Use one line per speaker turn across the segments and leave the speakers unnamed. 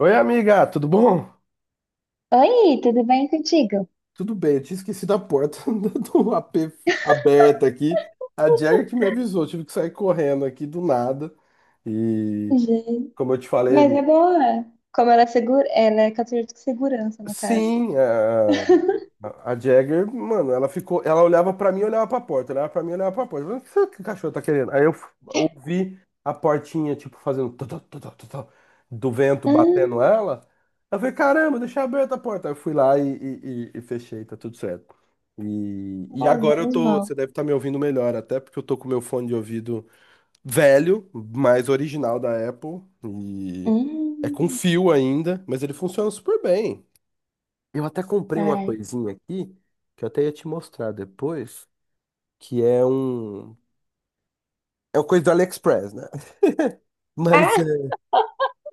Oi, amiga, tudo bom?
Oi, tudo bem contigo?
Tudo bem, eu tinha esquecido a porta do AP aberta aqui. A Jagger que me avisou, eu tive que sair correndo aqui do nada. E
Gente,
como eu te falei,
mas é boa. Como ela é segura, ela é cadeira de segurança, no caso.
sim, é, a Jagger, mano, ela ficou, ela olhava pra mim, olhava pra porta, olhava pra mim, olhava pra porta. Eu falei, o que o cachorro tá querendo? Aí eu ouvi a portinha, tipo, fazendo tó, tó, tó, tó, tó, tó, do vento batendo
Ah.
ela. Eu falei, caramba, deixa aberta a porta. Aí eu fui lá e fechei, tá tudo certo. E
Ai,
agora eu
menos
tô,
mal.
você deve estar me ouvindo melhor, até porque eu tô com meu fone de ouvido velho, mas original da Apple, e é com
Hum.
fio ainda, mas ele funciona super bem. Eu até comprei uma
Ai.
coisinha aqui, que eu até ia te mostrar depois, que é um. É uma coisa do AliExpress, né? Mas
Ah!
é,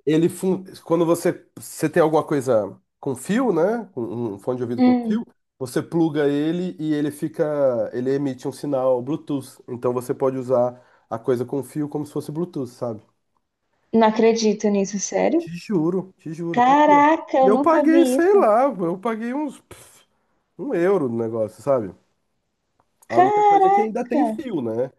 ele. Quando você tem alguma coisa com fio, né? Com Um fone de ouvido com
Hum,
fio, você pluga ele e ele fica. Ele emite um sinal Bluetooth. Então você pode usar a coisa com fio como se fosse Bluetooth, sabe?
não acredito nisso, sério?
Te juro, tá aqui, ó.
Caraca,
E
eu
eu
nunca
paguei,
vi
sei
isso.
lá, eu paguei uns um euro no negócio, sabe? A única coisa é que ainda
Caraca!
tem fio, né?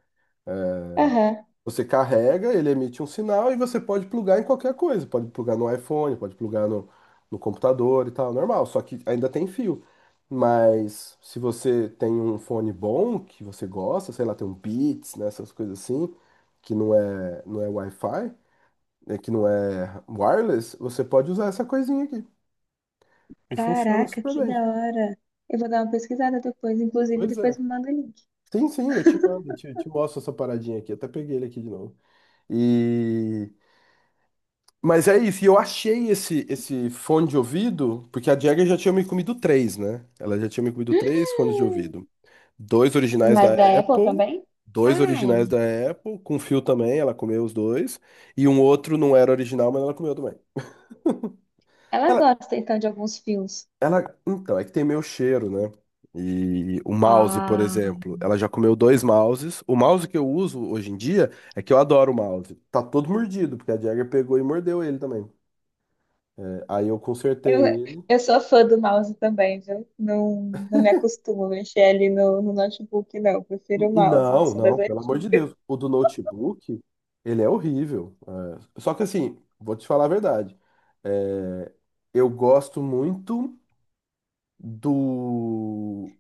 É,
Aham.
você carrega, ele emite um sinal e você pode plugar em qualquer coisa. Pode plugar no iPhone, pode plugar no computador e tal, normal. Só que ainda tem fio. Mas se você tem um fone bom, que você gosta, sei lá, tem um Beats, né, essas coisas assim, que não é Wi-Fi, né, que não é wireless, você pode usar essa coisinha aqui. E funciona
Caraca,
super
que da
bem.
hora. Eu vou dar uma pesquisada depois, inclusive
Pois é.
depois me manda o link.
Sim, sim, eu te mando, eu te mostro essa paradinha aqui. Até peguei ele aqui de novo. E. Mas é isso, e eu achei esse fone de ouvido, porque a Jagger já tinha me comido três, né? Ela já tinha me comido três fones de ouvido. Dois originais da
Mas da Apple
Apple,
também?
dois originais
Ai.
da Apple, com fio também, ela comeu os dois, e um outro não era original, mas ela comeu também.
Ela
Ela,
gosta então de alguns filmes.
ela então, é que tem meu cheiro, né? E o mouse, por
Ah.
exemplo, ela já comeu dois mouses. O mouse que eu uso hoje em dia é que eu adoro o mouse. Tá todo mordido, porque a Jagger pegou e mordeu ele também. É, aí eu consertei
Eu,
ele.
eu sou fã do mouse também, viu? Não, não me acostumo a mexer ali no notebook, não. Prefiro o mouse,
Não,
sou das
não, pelo amor de
antigas.
Deus. O do notebook, ele é horrível. É, só que assim, vou te falar a verdade. É, eu gosto muito do.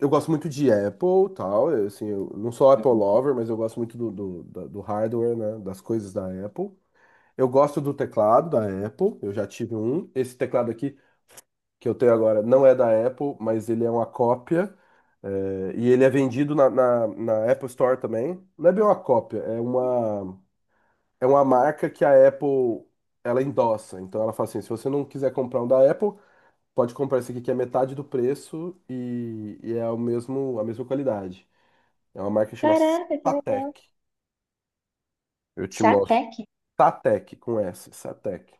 Eu gosto muito de Apple, tal. Assim, eu não sou Apple
Uhum.
lover, mas eu gosto muito do hardware, né? Das coisas da Apple. Eu gosto do teclado da Apple. Eu já tive um. Esse teclado aqui que eu tenho agora não é da Apple, mas ele é uma cópia. É, e ele é vendido na Apple Store também. Não é bem uma cópia, é uma marca que a Apple ela endossa. Então ela fala assim: se você não quiser comprar um da Apple, pode comprar esse aqui que é metade do preço e é a mesma qualidade. É uma marca que chama
Caraca, que legal.
Satec. Eu te mostro.
Satec?
Satec com S, Satec.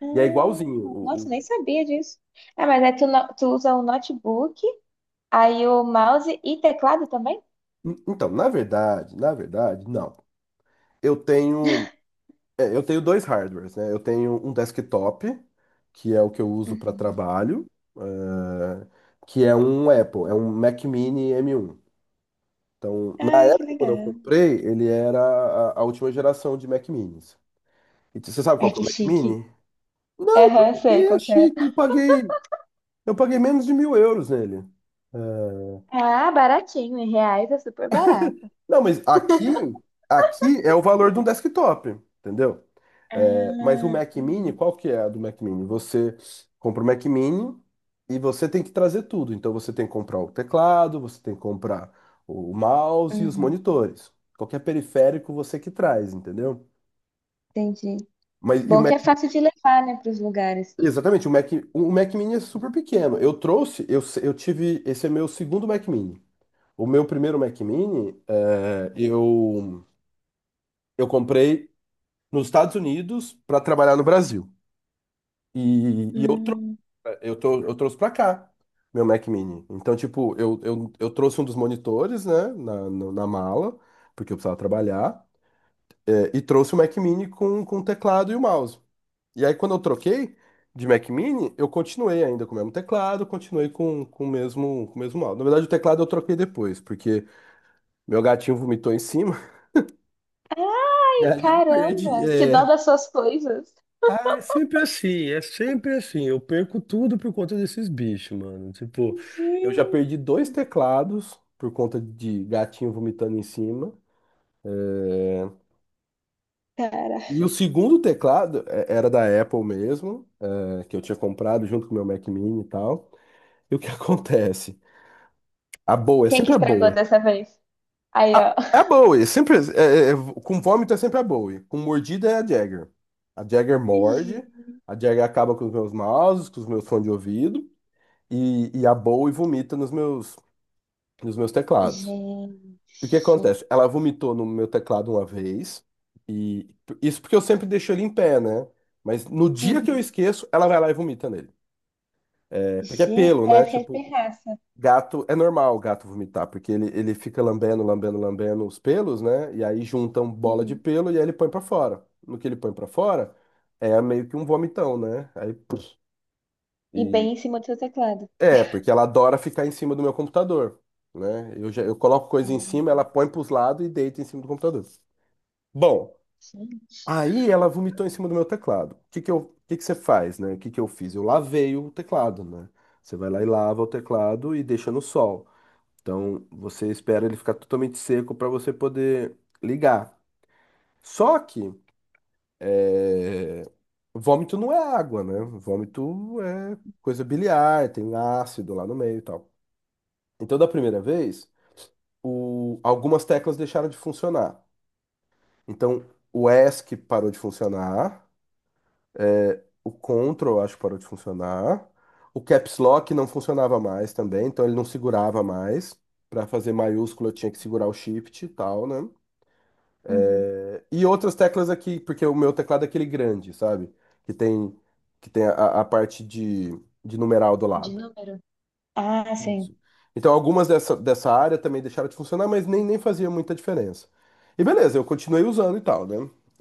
Ah,
E é igualzinho.
nossa, nem sabia disso. Ah, mas aí tu, tu usa o notebook, aí o mouse e teclado também?
Então, na verdade, não. Eu tenho. É, eu tenho dois hardwares, né? Eu tenho um desktop, que é o que eu uso para
Uhum.
trabalho, eh, que é um Apple, é um Mac Mini m um. Então, na
Ah, que
época, quando eu
legal.
comprei, ele era a última geração de Mac Minis. E você sabe qual
Ai,
que é
que
o Mac
chique.
Mini? Não,
Aham,
nem
sei
é
qual que é.
chique, eu paguei menos de 1.000 euros nele.
Ah, baratinho, em reais é super barato.
Não, mas aqui, aqui é o valor de um desktop, entendeu? É, mas o
Ah,
Mac Mini,
entendi.
qual que é a do Mac Mini? Você compra o Mac Mini e você tem que trazer tudo. Então você tem que comprar o teclado, você tem que comprar o mouse e os
Uhum,
monitores. Qualquer periférico você que traz, entendeu?
entendi.
Mas e o
Bom que
Mac,
é fácil de levar, né, para os lugares.
exatamente, o Mac Mini é super pequeno. Eu trouxe, eu tive, esse é meu segundo Mac Mini. O meu primeiro Mac Mini, é, eu comprei nos Estados Unidos para trabalhar no Brasil. E, e eu, trou
Hum.
eu trouxe para cá meu Mac Mini. Então, tipo, eu trouxe um dos monitores, né, na mala, porque eu precisava trabalhar, é, e trouxe o Mac Mini com o teclado e o mouse. E aí, quando eu troquei de Mac Mini, eu continuei ainda com o mesmo teclado, continuei com o mesmo mouse. Na verdade, o teclado eu troquei depois, porque meu gatinho vomitou em cima,
Ai,
e aí eu
caramba,
perdi.
que dó
É,
das suas coisas.
é sempre assim, é sempre assim. Eu perco tudo por conta desses bichos, mano. Tipo, eu já
Gente,
perdi dois teclados por conta de gatinho vomitando em cima. É,
cara.
e o segundo teclado é, era da Apple mesmo, é, que eu tinha comprado junto com o meu Mac Mini e tal. E o que acontece? A Bowie, é
Quem que
sempre a
estragou
Bowie.
dessa vez? Aí, ó.
A, é a Bowie, é sempre, com vômito é sempre a Bowie. Com mordida é a Jagger. A Jagger
Gente.
morde, a Jagger acaba com os meus mouses, com os meus fones de ouvido. A Bowie vomita nos meus teclados. E o que
Gente.
acontece? Ela vomitou no meu teclado uma vez, e isso porque eu sempre deixo ele em pé, né? Mas no dia que eu
Uhum.
esqueço, ela vai lá e vomita nele. É, porque é
Gente,
pelo, né?
parece que é de
Tipo,
pirraça.
gato, é normal o gato vomitar, porque ele fica lambendo, lambendo, lambendo os pelos, né? E aí juntam bola de
Uhum.
pelo e aí ele põe pra fora. No que ele põe pra fora, é meio que um vomitão, né? Aí, puf,
E
e,
bem em cima do seu teclado.
é, porque ela adora ficar em cima do meu computador, né? Eu coloco coisa em cima,
Ah,
ela põe para os lados e deita em cima do computador. Bom,
sim.
aí ela vomitou em cima do meu teclado. O que que você faz, né? O que que eu fiz? Eu lavei o teclado, né? Você vai lá e lava o teclado e deixa no sol. Então, você espera ele ficar totalmente seco para você poder ligar. Só que, é, vômito não é água, né? Vômito é coisa biliar, tem ácido lá no meio e tal. Então, da primeira vez. Algumas teclas deixaram de funcionar. Então, o ESC parou de funcionar, é, o Ctrl, acho que parou de funcionar, o Caps Lock não funcionava mais também, então ele não segurava mais. Para fazer maiúsculo, eu tinha que segurar o Shift e tal, né?
Uhum.
É, e outras teclas aqui, porque o meu teclado é aquele grande, sabe? Que tem, que tem a parte de numeral do
De
lado.
número. Ah, sim.
Isso. Então, dessa área também deixaram de funcionar, mas nem fazia muita diferença. E beleza, eu continuei usando e tal, né?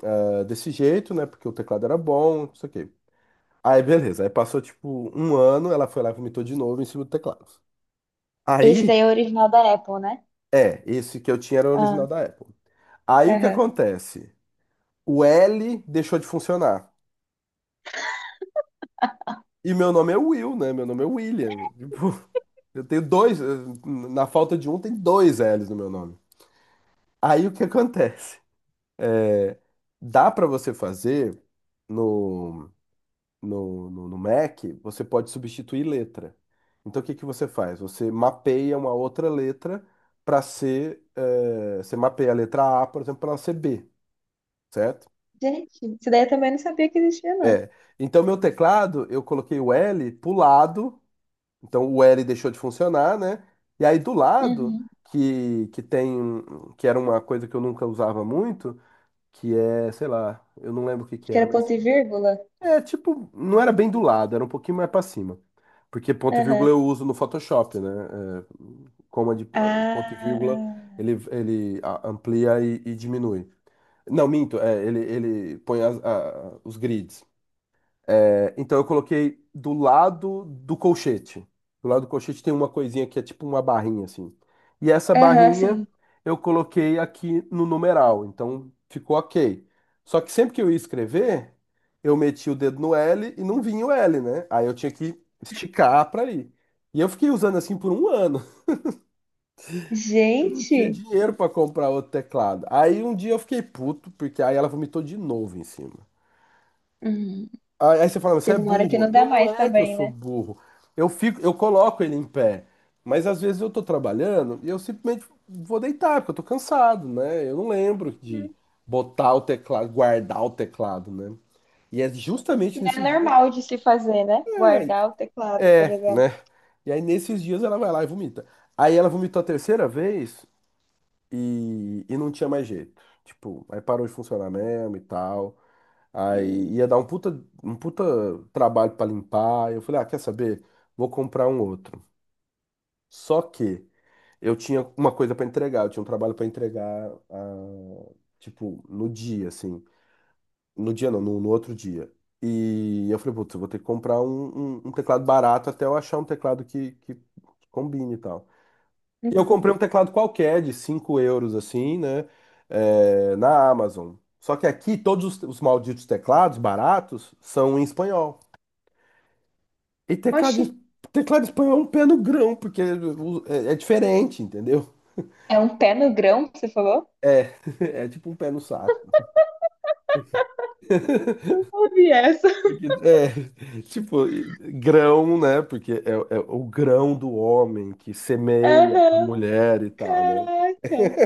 Ah, desse jeito, né? Porque o teclado era bom, não sei o quê. Aí, beleza. Aí passou, tipo, um ano, ela foi lá e vomitou de novo em cima do teclado.
Esse daí
Aí,
é o original da Apple, né?
é, esse que eu tinha era o
Ah.
original da Apple. Aí o que
Aham.
acontece? O L deixou de funcionar. E meu nome é Will, né? Meu nome é William. Tipo, eu tenho dois, na falta de um, tem 2 L's no meu nome. Aí o que acontece? Dá para você fazer no, no Mac, você pode substituir letra. Então, o que que você faz? Você mapeia uma outra letra para ser. Você mapeia a letra A, por exemplo, para ela ser B, certo?
Gente, isso daí eu também não sabia que existia, não.
É. Então, meu teclado, eu coloquei o L pro lado, então o L deixou de funcionar, né? E aí do lado,
Uhum.
que tem. Que era uma coisa que eu nunca usava muito, que é, sei lá, eu não lembro o que que
Que
era,
era ponto
mas.
e vírgula?
É, tipo, não era bem do lado, era um pouquinho mais pra cima. Porque ponto e vírgula
Aham.
eu uso no Photoshop, né? É, coma de ponto e vírgula,
Ah.
ele amplia e diminui. Não, minto, é, ele põe os grids. É, então eu coloquei do lado do colchete. Do lado do colchete tem uma coisinha que é tipo uma barrinha assim. E essa
Aham,
barrinha
sim.
eu coloquei aqui no numeral. Então ficou ok. Só que sempre que eu ia escrever, eu metia o dedo no L e não vinha o L, né? Aí eu tinha que esticar para ir. E eu fiquei usando assim por um ano. Eu não tinha
Gente!
dinheiro para comprar outro teclado. Aí um dia eu fiquei puto, porque aí ela vomitou de novo em cima.
Uhum.
Aí você fala, você é
Chega uma hora que
burro.
não
Não,
dá
não
mais
é que eu
também,
sou
né?
burro. Eu coloco ele em pé. Mas às vezes eu tô trabalhando e eu simplesmente vou deitar, porque eu tô cansado, né? Eu não lembro de
Uhum.
botar o teclado, guardar o teclado, né? E é
Que
justamente
não
nesses
é
dias.
normal de se fazer, né? Guardar o
É,
teclado, por
é, né?
exemplo.
E aí nesses dias ela vai lá e vomita. Aí ela vomitou a terceira vez e não tinha mais jeito. Tipo, aí parou de funcionar mesmo e tal.
Hum.
Aí ia dar um puta trabalho pra limpar. Eu falei, ah, quer saber? Vou comprar um outro. Só que eu tinha uma coisa pra entregar, eu tinha um trabalho pra entregar, ah, tipo, no dia, assim. No dia não, no outro dia. E eu falei, putz, eu vou ter que comprar um teclado barato até eu achar um teclado que combine e tal. E eu
Uhum.
comprei um teclado qualquer de 5 euros, assim, né? É, na Amazon. Só que aqui todos os malditos teclados baratos são em espanhol. E
Oxi,
teclado em espanhol é um pé no grão, porque é, é diferente, entendeu?
é um pé no grão que você falou?
É, é tipo um pé no saco.
Não ouvi essa.
Porque, é, tipo, grão, né? Porque é, é o grão do homem que semeia a
Aham,
mulher e tal, né?
caraca.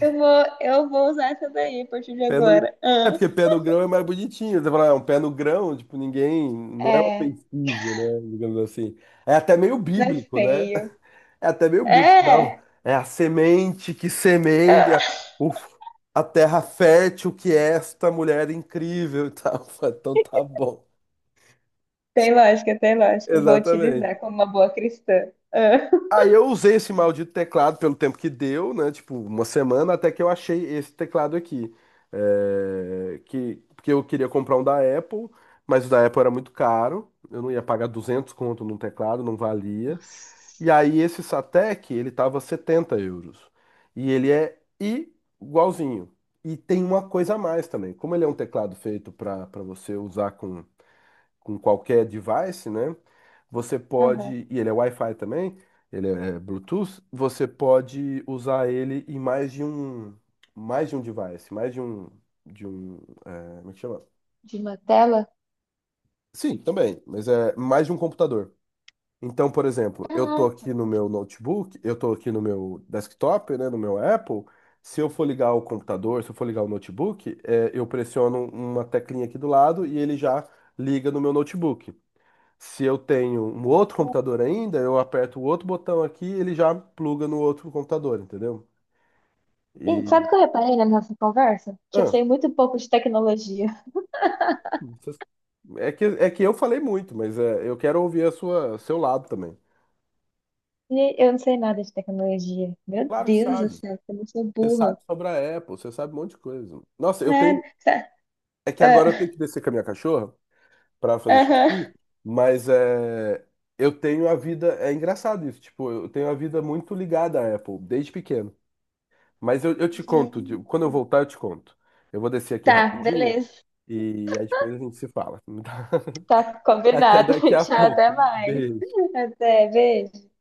Eu vou usar essa daí a partir de
Pé no...
agora.
É
Ah.
porque pé no grão é mais bonitinho. Você fala, ah, é um pé no grão, tipo, ninguém. Não é
É,
ofensivo, né? Digamos assim. É até meio
não é
bíblico, né?
feio.
É até meio bíblico. Não,
É!
é a semente que semeia o... a terra fértil que esta mulher incrível e tal. Então tá bom.
Tem lógica, tem lógica. Eu vou
Exatamente.
utilizar como uma boa cristã. Ah.
Aí eu usei esse maldito teclado pelo tempo que deu, né? Tipo, uma semana, até que eu achei esse teclado aqui. É, porque eu queria comprar um da Apple, mas o da Apple era muito caro. Eu não ia pagar 200 conto num teclado, não valia.
Nossa.
E aí esse Satek, ele tava 70 euros. E ele é igualzinho. E tem uma coisa a mais também. Como ele é um teclado feito para você usar com qualquer device, né? Você
Aham.
pode, e ele é Wi-Fi também, ele é Bluetooth, você pode usar ele em mais de um device, mais de um, é, como é que chama?
De uma tela?
Sim, também, mas é mais de um computador. Então, por exemplo, eu tô
Caraca.
aqui no meu notebook, eu tô aqui no meu desktop, né, no meu Apple. Se eu for ligar o computador, se eu for ligar o notebook, é, eu pressiono uma teclinha aqui do lado e ele já liga no meu notebook. Se eu tenho um outro computador ainda, eu aperto o outro botão aqui, e ele já pluga no outro computador, entendeu?
E
E
sabe o que eu reparei na nossa conversa? Que eu
ah,
sei muito pouco de tecnologia.
vocês- é que eu falei muito, mas é, eu quero ouvir a sua seu lado também.
E eu não sei nada de tecnologia. Meu
Claro que
Deus do
sabe.
céu, como eu sou
Você
burra.
sabe sobre a Apple, você sabe um monte de coisa. Nossa, eu tenho
Nada. Tá.
é que agora eu tenho
Ah,
que descer com a minha cachorra pra fazer
aham.
xixi, mas é eu tenho a vida é engraçado isso, tipo, eu tenho a vida muito ligada à Apple desde pequeno. Mas eu te conto, quando
Gente.
eu voltar eu te conto. Eu vou descer aqui
Tá,
rapidinho
beleza.
e aí depois a gente se fala.
Tá
Até
combinado.
daqui a
Tchau, até
pouco.
mais.
Beijo.
Até, beijo.